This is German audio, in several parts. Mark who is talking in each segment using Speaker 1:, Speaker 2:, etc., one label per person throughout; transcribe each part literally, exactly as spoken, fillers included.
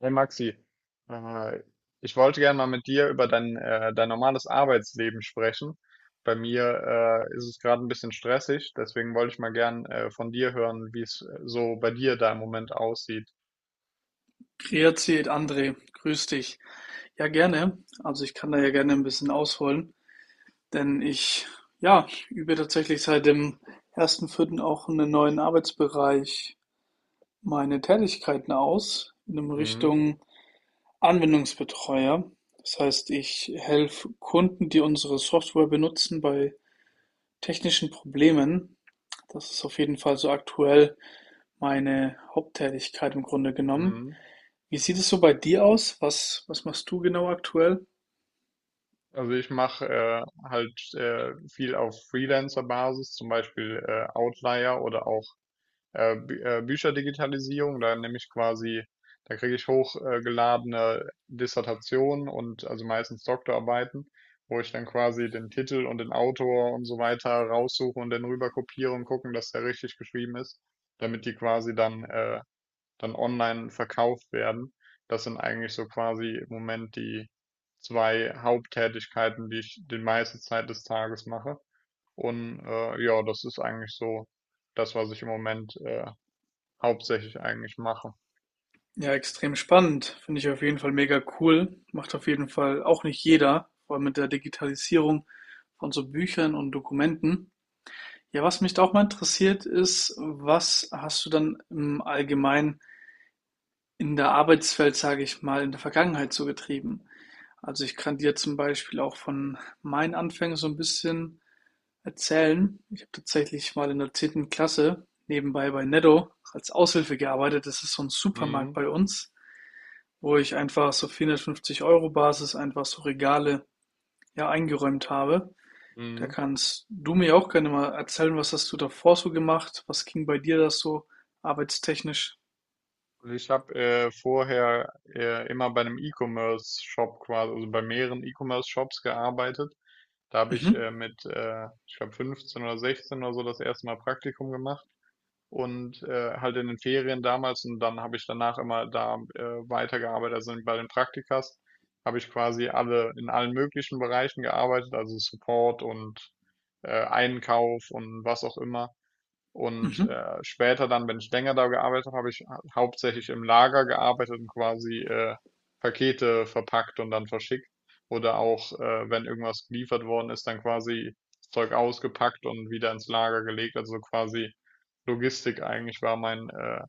Speaker 1: Hey Maxi, äh, ich wollte gerne mal mit dir über dein, äh, dein normales Arbeitsleben sprechen. Bei mir äh, ist es gerade ein bisschen stressig, deswegen wollte ich mal gern äh, von dir hören, wie es äh, so bei dir da im Moment aussieht.
Speaker 2: Grüezi, André, grüß dich. Ja, gerne. Also ich kann da ja gerne ein bisschen ausholen, denn ich, ja, übe tatsächlich seit dem ersten Vierten auch einen neuen Arbeitsbereich meine Tätigkeiten aus, in dem
Speaker 1: Mhm.
Speaker 2: Richtung Anwendungsbetreuer. Das heißt, ich helfe Kunden, die unsere Software benutzen, bei technischen Problemen. Das ist auf jeden Fall so aktuell meine Haupttätigkeit im Grunde genommen.
Speaker 1: Mhm.
Speaker 2: Wie sieht es so bei dir aus? Was was machst du genau aktuell?
Speaker 1: Also ich mache äh, halt äh, viel auf Freelancer-Basis, zum Beispiel äh, Outlier oder auch äh, Bü äh, Bücherdigitalisierung. Da nehme ich quasi, da kriege ich hochgeladene Dissertationen und also meistens Doktorarbeiten, wo ich dann quasi den Titel und den Autor und so weiter raussuche und dann rüber kopiere und gucken, dass der richtig geschrieben ist, damit die quasi dann äh, dann online verkauft werden. Das sind eigentlich so quasi im Moment die zwei Haupttätigkeiten, die ich die meiste Zeit des Tages mache. Und äh, ja, das ist eigentlich so das, was ich im Moment äh, Hauptsächlich eigentlich mache.
Speaker 2: Ja, extrem spannend. Finde ich auf jeden Fall mega cool. Macht auf jeden Fall auch nicht jeder, vor allem mit der Digitalisierung von so Büchern und Dokumenten. Ja, was mich da auch mal interessiert ist, was hast du dann im Allgemeinen in der Arbeitswelt, sage ich mal, in der Vergangenheit so getrieben? Also ich kann dir zum Beispiel auch von meinen Anfängen so ein bisschen erzählen. Ich habe tatsächlich mal in der zehnten Klasse nebenbei bei Netto als Aushilfe gearbeitet. Das ist so ein Supermarkt
Speaker 1: Mhm.
Speaker 2: bei uns, wo ich einfach so vierhundertfünfzig Euro Basis einfach so Regale ja eingeräumt habe. Da
Speaker 1: Mhm.
Speaker 2: kannst du mir auch gerne mal erzählen, was hast du davor so gemacht? Was ging bei dir das so arbeitstechnisch?
Speaker 1: Und ich habe äh, vorher äh, immer bei einem E-Commerce-Shop quasi, also bei mehreren E-Commerce-Shops gearbeitet. Da habe ich
Speaker 2: Mhm.
Speaker 1: äh, mit, äh, ich glaube fünfzehn oder sechzehn oder so das erste Mal Praktikum gemacht und äh, halt in den Ferien damals und dann habe ich danach immer da äh, weitergearbeitet. Also bei den Praktikas habe ich quasi alle in allen möglichen Bereichen gearbeitet, also Support und äh, Einkauf und was auch immer. Und
Speaker 2: Mhm.
Speaker 1: äh, später dann, wenn ich länger da gearbeitet habe, habe ich ha- hauptsächlich im Lager gearbeitet und quasi äh, Pakete verpackt und dann verschickt. Oder auch, äh, wenn irgendwas geliefert worden ist, dann quasi das Zeug ausgepackt und wieder ins Lager gelegt. Also quasi Logistik eigentlich war mein, äh,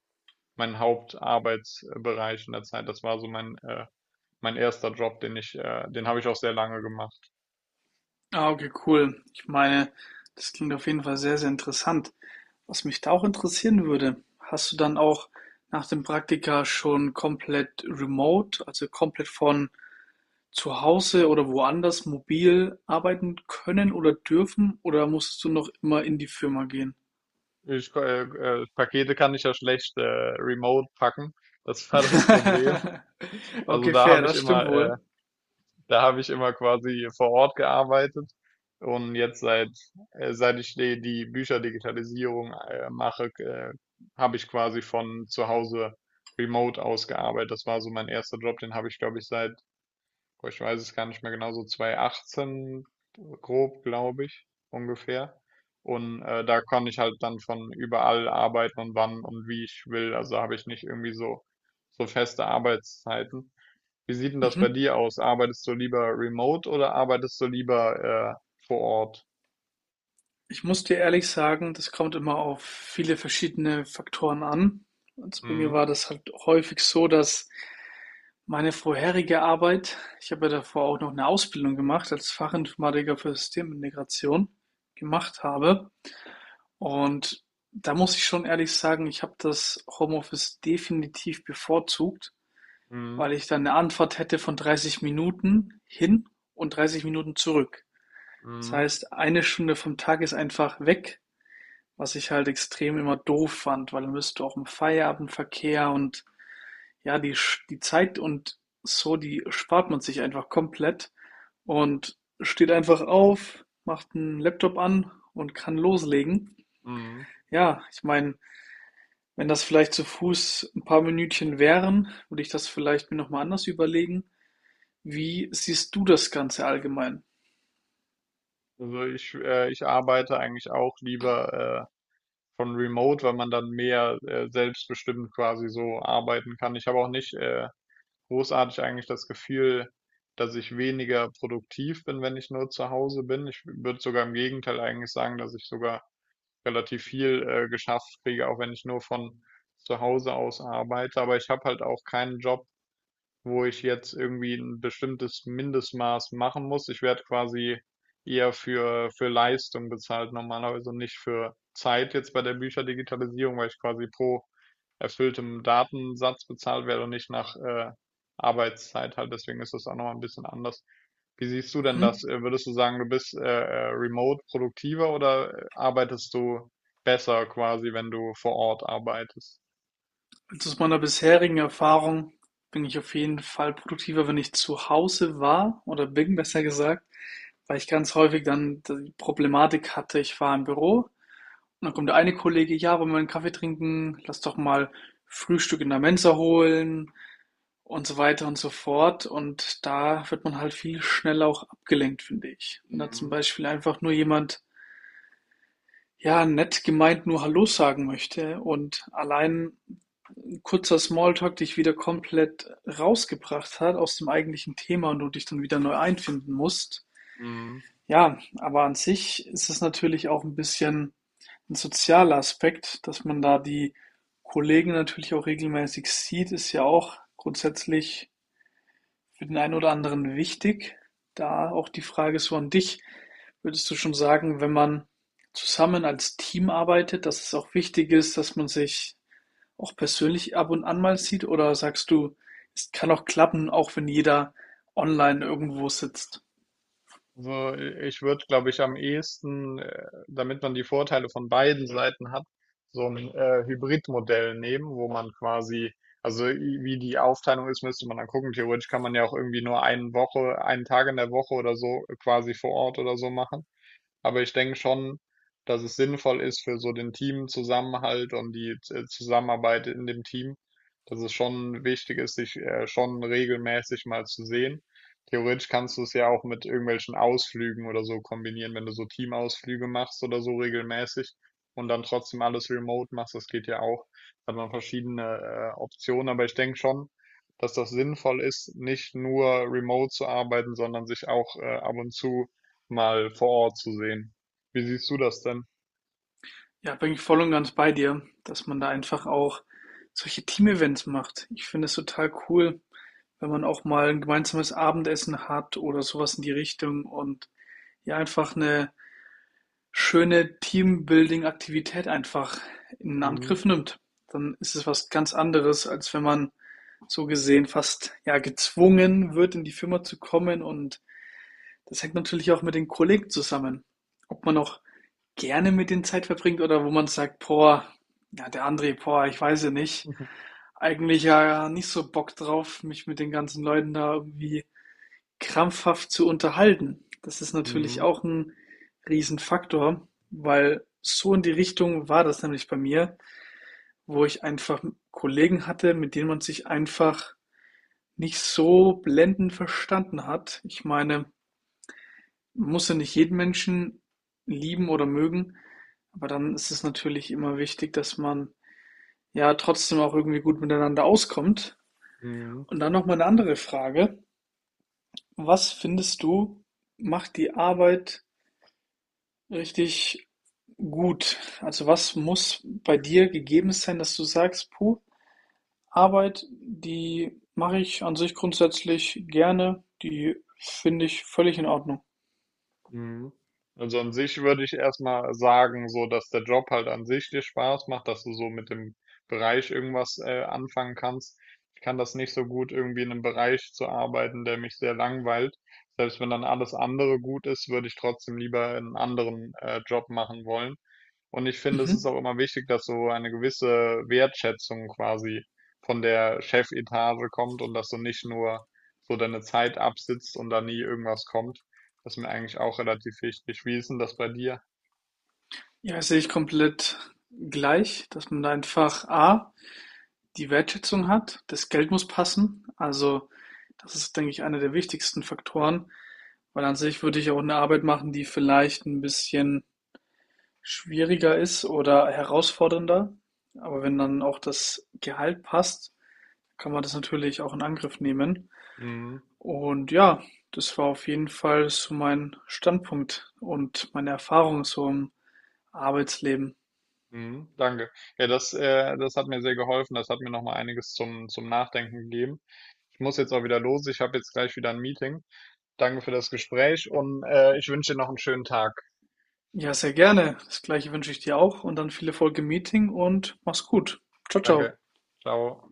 Speaker 1: mein Hauptarbeitsbereich in der Zeit. Das war so mein, äh, mein erster Job, den ich, äh, den habe ich auch sehr lange gemacht.
Speaker 2: Ah, okay, cool. Ich meine, das klingt auf jeden Fall sehr, sehr interessant. Was mich da auch interessieren würde, hast du dann auch nach dem Praktika schon komplett remote, also komplett von zu Hause oder woanders mobil arbeiten können oder dürfen oder musstest du noch immer in die Firma gehen?
Speaker 1: Ich, ko- äh, äh, Pakete kann ich ja schlecht äh, remote packen. Das war das Problem. Also
Speaker 2: Okay,
Speaker 1: da
Speaker 2: fair,
Speaker 1: habe ich
Speaker 2: das stimmt
Speaker 1: immer, äh,
Speaker 2: wohl.
Speaker 1: da habe ich immer quasi vor Ort gearbeitet und jetzt seit äh, seit ich die, die Bücherdigitalisierung äh, mache, äh, habe ich quasi von zu Hause remote aus gearbeitet. Das war so mein erster Job, den habe ich glaube ich seit, boah, ich weiß es gar nicht mehr genau, so zwanzig achtzehn grob, glaube ich, ungefähr. Und äh, da kann ich halt dann von überall arbeiten und wann und wie ich will. Also habe ich nicht irgendwie so so feste Arbeitszeiten. Wie sieht denn das bei
Speaker 2: Mhm.
Speaker 1: dir aus? Arbeitest du lieber remote oder arbeitest du lieber äh, vor Ort?
Speaker 2: Ich muss dir ehrlich sagen, das kommt immer auf viele verschiedene Faktoren an. Also bei mir
Speaker 1: Mhm.
Speaker 2: war das halt häufig so, dass meine vorherige Arbeit, ich habe ja davor auch noch eine Ausbildung gemacht als Fachinformatiker für Systemintegration gemacht habe. Und da muss ich schon ehrlich sagen, ich habe das Homeoffice definitiv bevorzugt,
Speaker 1: Mhm.
Speaker 2: weil ich dann eine Anfahrt hätte von dreißig Minuten hin und dreißig Minuten zurück. Das
Speaker 1: Mhm.
Speaker 2: heißt, eine Stunde vom Tag ist einfach weg. Was ich halt extrem immer doof fand, weil dann bist du auch im Feierabendverkehr und ja, die, die Zeit und so, die spart man sich einfach komplett und steht einfach auf, macht einen Laptop an und kann loslegen.
Speaker 1: Mhm.
Speaker 2: Ja, ich meine, wenn das vielleicht zu Fuß ein paar Minütchen wären, würde ich das vielleicht mir nochmal anders überlegen. Wie siehst du das Ganze allgemein?
Speaker 1: Also ich, äh, ich arbeite eigentlich auch lieber äh, von remote, weil man dann mehr äh, selbstbestimmt quasi so arbeiten kann. Ich habe auch nicht äh, großartig eigentlich das Gefühl, dass ich weniger produktiv bin, wenn ich nur zu Hause bin. Ich würde sogar im Gegenteil eigentlich sagen, dass ich sogar relativ viel äh, geschafft kriege, auch wenn ich nur von zu Hause aus arbeite. Aber ich habe halt auch keinen Job, wo ich jetzt irgendwie ein bestimmtes Mindestmaß machen muss. Ich werde quasi eher für, für Leistung bezahlt normalerweise und nicht für Zeit jetzt bei der Bücherdigitalisierung, weil ich quasi pro erfülltem Datensatz bezahlt werde und nicht nach äh, Arbeitszeit halt. Deswegen ist das auch nochmal ein bisschen anders. Wie siehst du denn
Speaker 2: Hm?
Speaker 1: das? Äh, Würdest du sagen, du bist äh, äh, remote produktiver oder äh, arbeitest du besser quasi, wenn du vor Ort arbeitest?
Speaker 2: Also aus meiner bisherigen Erfahrung bin ich auf jeden Fall produktiver, wenn ich zu Hause war oder bin, besser gesagt, weil ich ganz häufig dann die Problematik hatte, ich war im Büro und dann kommt der eine Kollege, ja, wollen wir einen Kaffee trinken, lass doch mal Frühstück in der Mensa holen und so weiter und so fort. Und da wird man halt viel schneller auch abgelenkt, finde ich. Wenn
Speaker 1: Ja.
Speaker 2: da zum
Speaker 1: Mhm.
Speaker 2: Beispiel einfach nur jemand, ja, nett gemeint nur Hallo sagen möchte und allein kurzer Smalltalk dich wieder komplett rausgebracht hat aus dem eigentlichen Thema und du dich dann wieder neu einfinden musst.
Speaker 1: Mhm.
Speaker 2: Ja, aber an sich ist es natürlich auch ein bisschen ein sozialer Aspekt, dass man da die Kollegen natürlich auch regelmäßig sieht, ist ja auch grundsätzlich für den einen oder anderen wichtig. Da auch die Frage so an dich, würdest du schon sagen, wenn man zusammen als Team arbeitet, dass es auch wichtig ist, dass man sich auch persönlich ab und an mal sieht? Oder sagst du, es kann auch klappen, auch wenn jeder online irgendwo sitzt?
Speaker 1: Also äh, ich würde, glaube ich, am ehesten, äh, damit man die Vorteile von beiden Seiten hat, so ein äh, Hybridmodell nehmen, wo man quasi, also i- wie die Aufteilung ist, müsste man dann gucken. Theoretisch kann man ja auch irgendwie nur eine Woche, einen Tag in der Woche oder so quasi vor Ort oder so machen. Aber ich denke schon, dass es sinnvoll ist für so den Teamzusammenhalt und die äh, Zusammenarbeit in dem Team, dass es schon wichtig ist, sich äh, schon regelmäßig mal zu sehen. Theoretisch kannst du es ja auch mit irgendwelchen Ausflügen oder so kombinieren, wenn du so Teamausflüge machst oder so regelmäßig und dann trotzdem alles remote machst, das geht ja auch. Da hat man verschiedene äh, Optionen, aber ich denke schon, dass das sinnvoll ist, nicht nur remote zu arbeiten, sondern sich auch äh, ab und zu mal vor Ort zu sehen. Wie siehst du das denn?
Speaker 2: Ja, bin ich voll und ganz bei dir, dass man da einfach auch solche Team-Events macht. Ich finde es total cool, wenn man auch mal ein gemeinsames Abendessen hat oder sowas in die Richtung und ja einfach eine schöne Teambuilding-Aktivität einfach in
Speaker 1: Mhm.
Speaker 2: Angriff nimmt. Dann ist es was ganz anderes, als wenn man so gesehen fast ja gezwungen wird, in die Firma zu kommen. Und das hängt natürlich auch mit den Kollegen zusammen. Ob man auch gerne mit denen Zeit verbringt oder wo man sagt, boah, ja, der André, boah, ich weiß ja nicht. Eigentlich ja nicht so Bock drauf, mich mit den ganzen Leuten da irgendwie krampfhaft zu unterhalten. Das ist natürlich
Speaker 1: Mhm.
Speaker 2: auch 'n Riesenfaktor, weil so in die Richtung war das nämlich bei mir, wo ich einfach Kollegen hatte, mit denen man sich einfach nicht so blendend verstanden hat. Ich meine, man muss ja nicht jeden Menschen lieben oder mögen, aber dann ist es natürlich immer wichtig, dass man, ja, trotzdem auch irgendwie gut miteinander auskommt.
Speaker 1: Mhm.
Speaker 2: Und dann noch mal 'ne andere Frage: Was findest du, macht die Arbeit richtig gut? Also was muss bei dir gegeben sein, dass du sagst, puh, Arbeit, die mache ich an sich grundsätzlich gerne, die finde ich völlig in Ordnung.
Speaker 1: Mhm. Also an sich würde ich erstmal sagen, so dass der Job halt an sich dir Spaß macht, dass du so mit dem Bereich irgendwas äh, anfangen kannst. Ich kann das nicht so gut, irgendwie in einem Bereich zu arbeiten, der mich sehr langweilt. Selbst wenn dann alles andere gut ist, würde ich trotzdem lieber einen anderen äh, Job machen wollen. Und ich finde, es ist
Speaker 2: Mhm.
Speaker 1: auch immer wichtig, dass so eine gewisse Wertschätzung quasi von der Chefetage kommt und dass du nicht nur so deine Zeit absitzt und da nie irgendwas kommt. Das ist mir eigentlich auch relativ wichtig. Wie ist denn das bei dir?
Speaker 2: Ja, das sehe ich komplett gleich, dass man da einfach A, die Wertschätzung hat, das Geld muss passen. Also das ist, denke ich, einer der wichtigsten Faktoren, weil an sich würde ich auch eine Arbeit machen, die vielleicht ein bisschen schwieriger ist oder herausfordernder. Aber wenn dann auch das Gehalt passt, kann man das natürlich auch in Angriff nehmen.
Speaker 1: Mhm.
Speaker 2: Und ja, das war auf jeden Fall so mein Standpunkt und meine Erfahrung so im Arbeitsleben.
Speaker 1: Mhm. Danke. Ja, das, äh, das hat mir sehr geholfen. Das hat mir nochmal einiges zum, zum Nachdenken gegeben. Ich muss jetzt auch wieder los. Ich habe jetzt gleich wieder ein Meeting. Danke für das Gespräch und äh, ich wünsche dir noch einen schönen Tag.
Speaker 2: Ja, sehr gerne. Das gleiche wünsche ich dir auch und dann viel Erfolg im Meeting und mach's gut. Ciao,
Speaker 1: Danke.
Speaker 2: ciao.
Speaker 1: Ciao.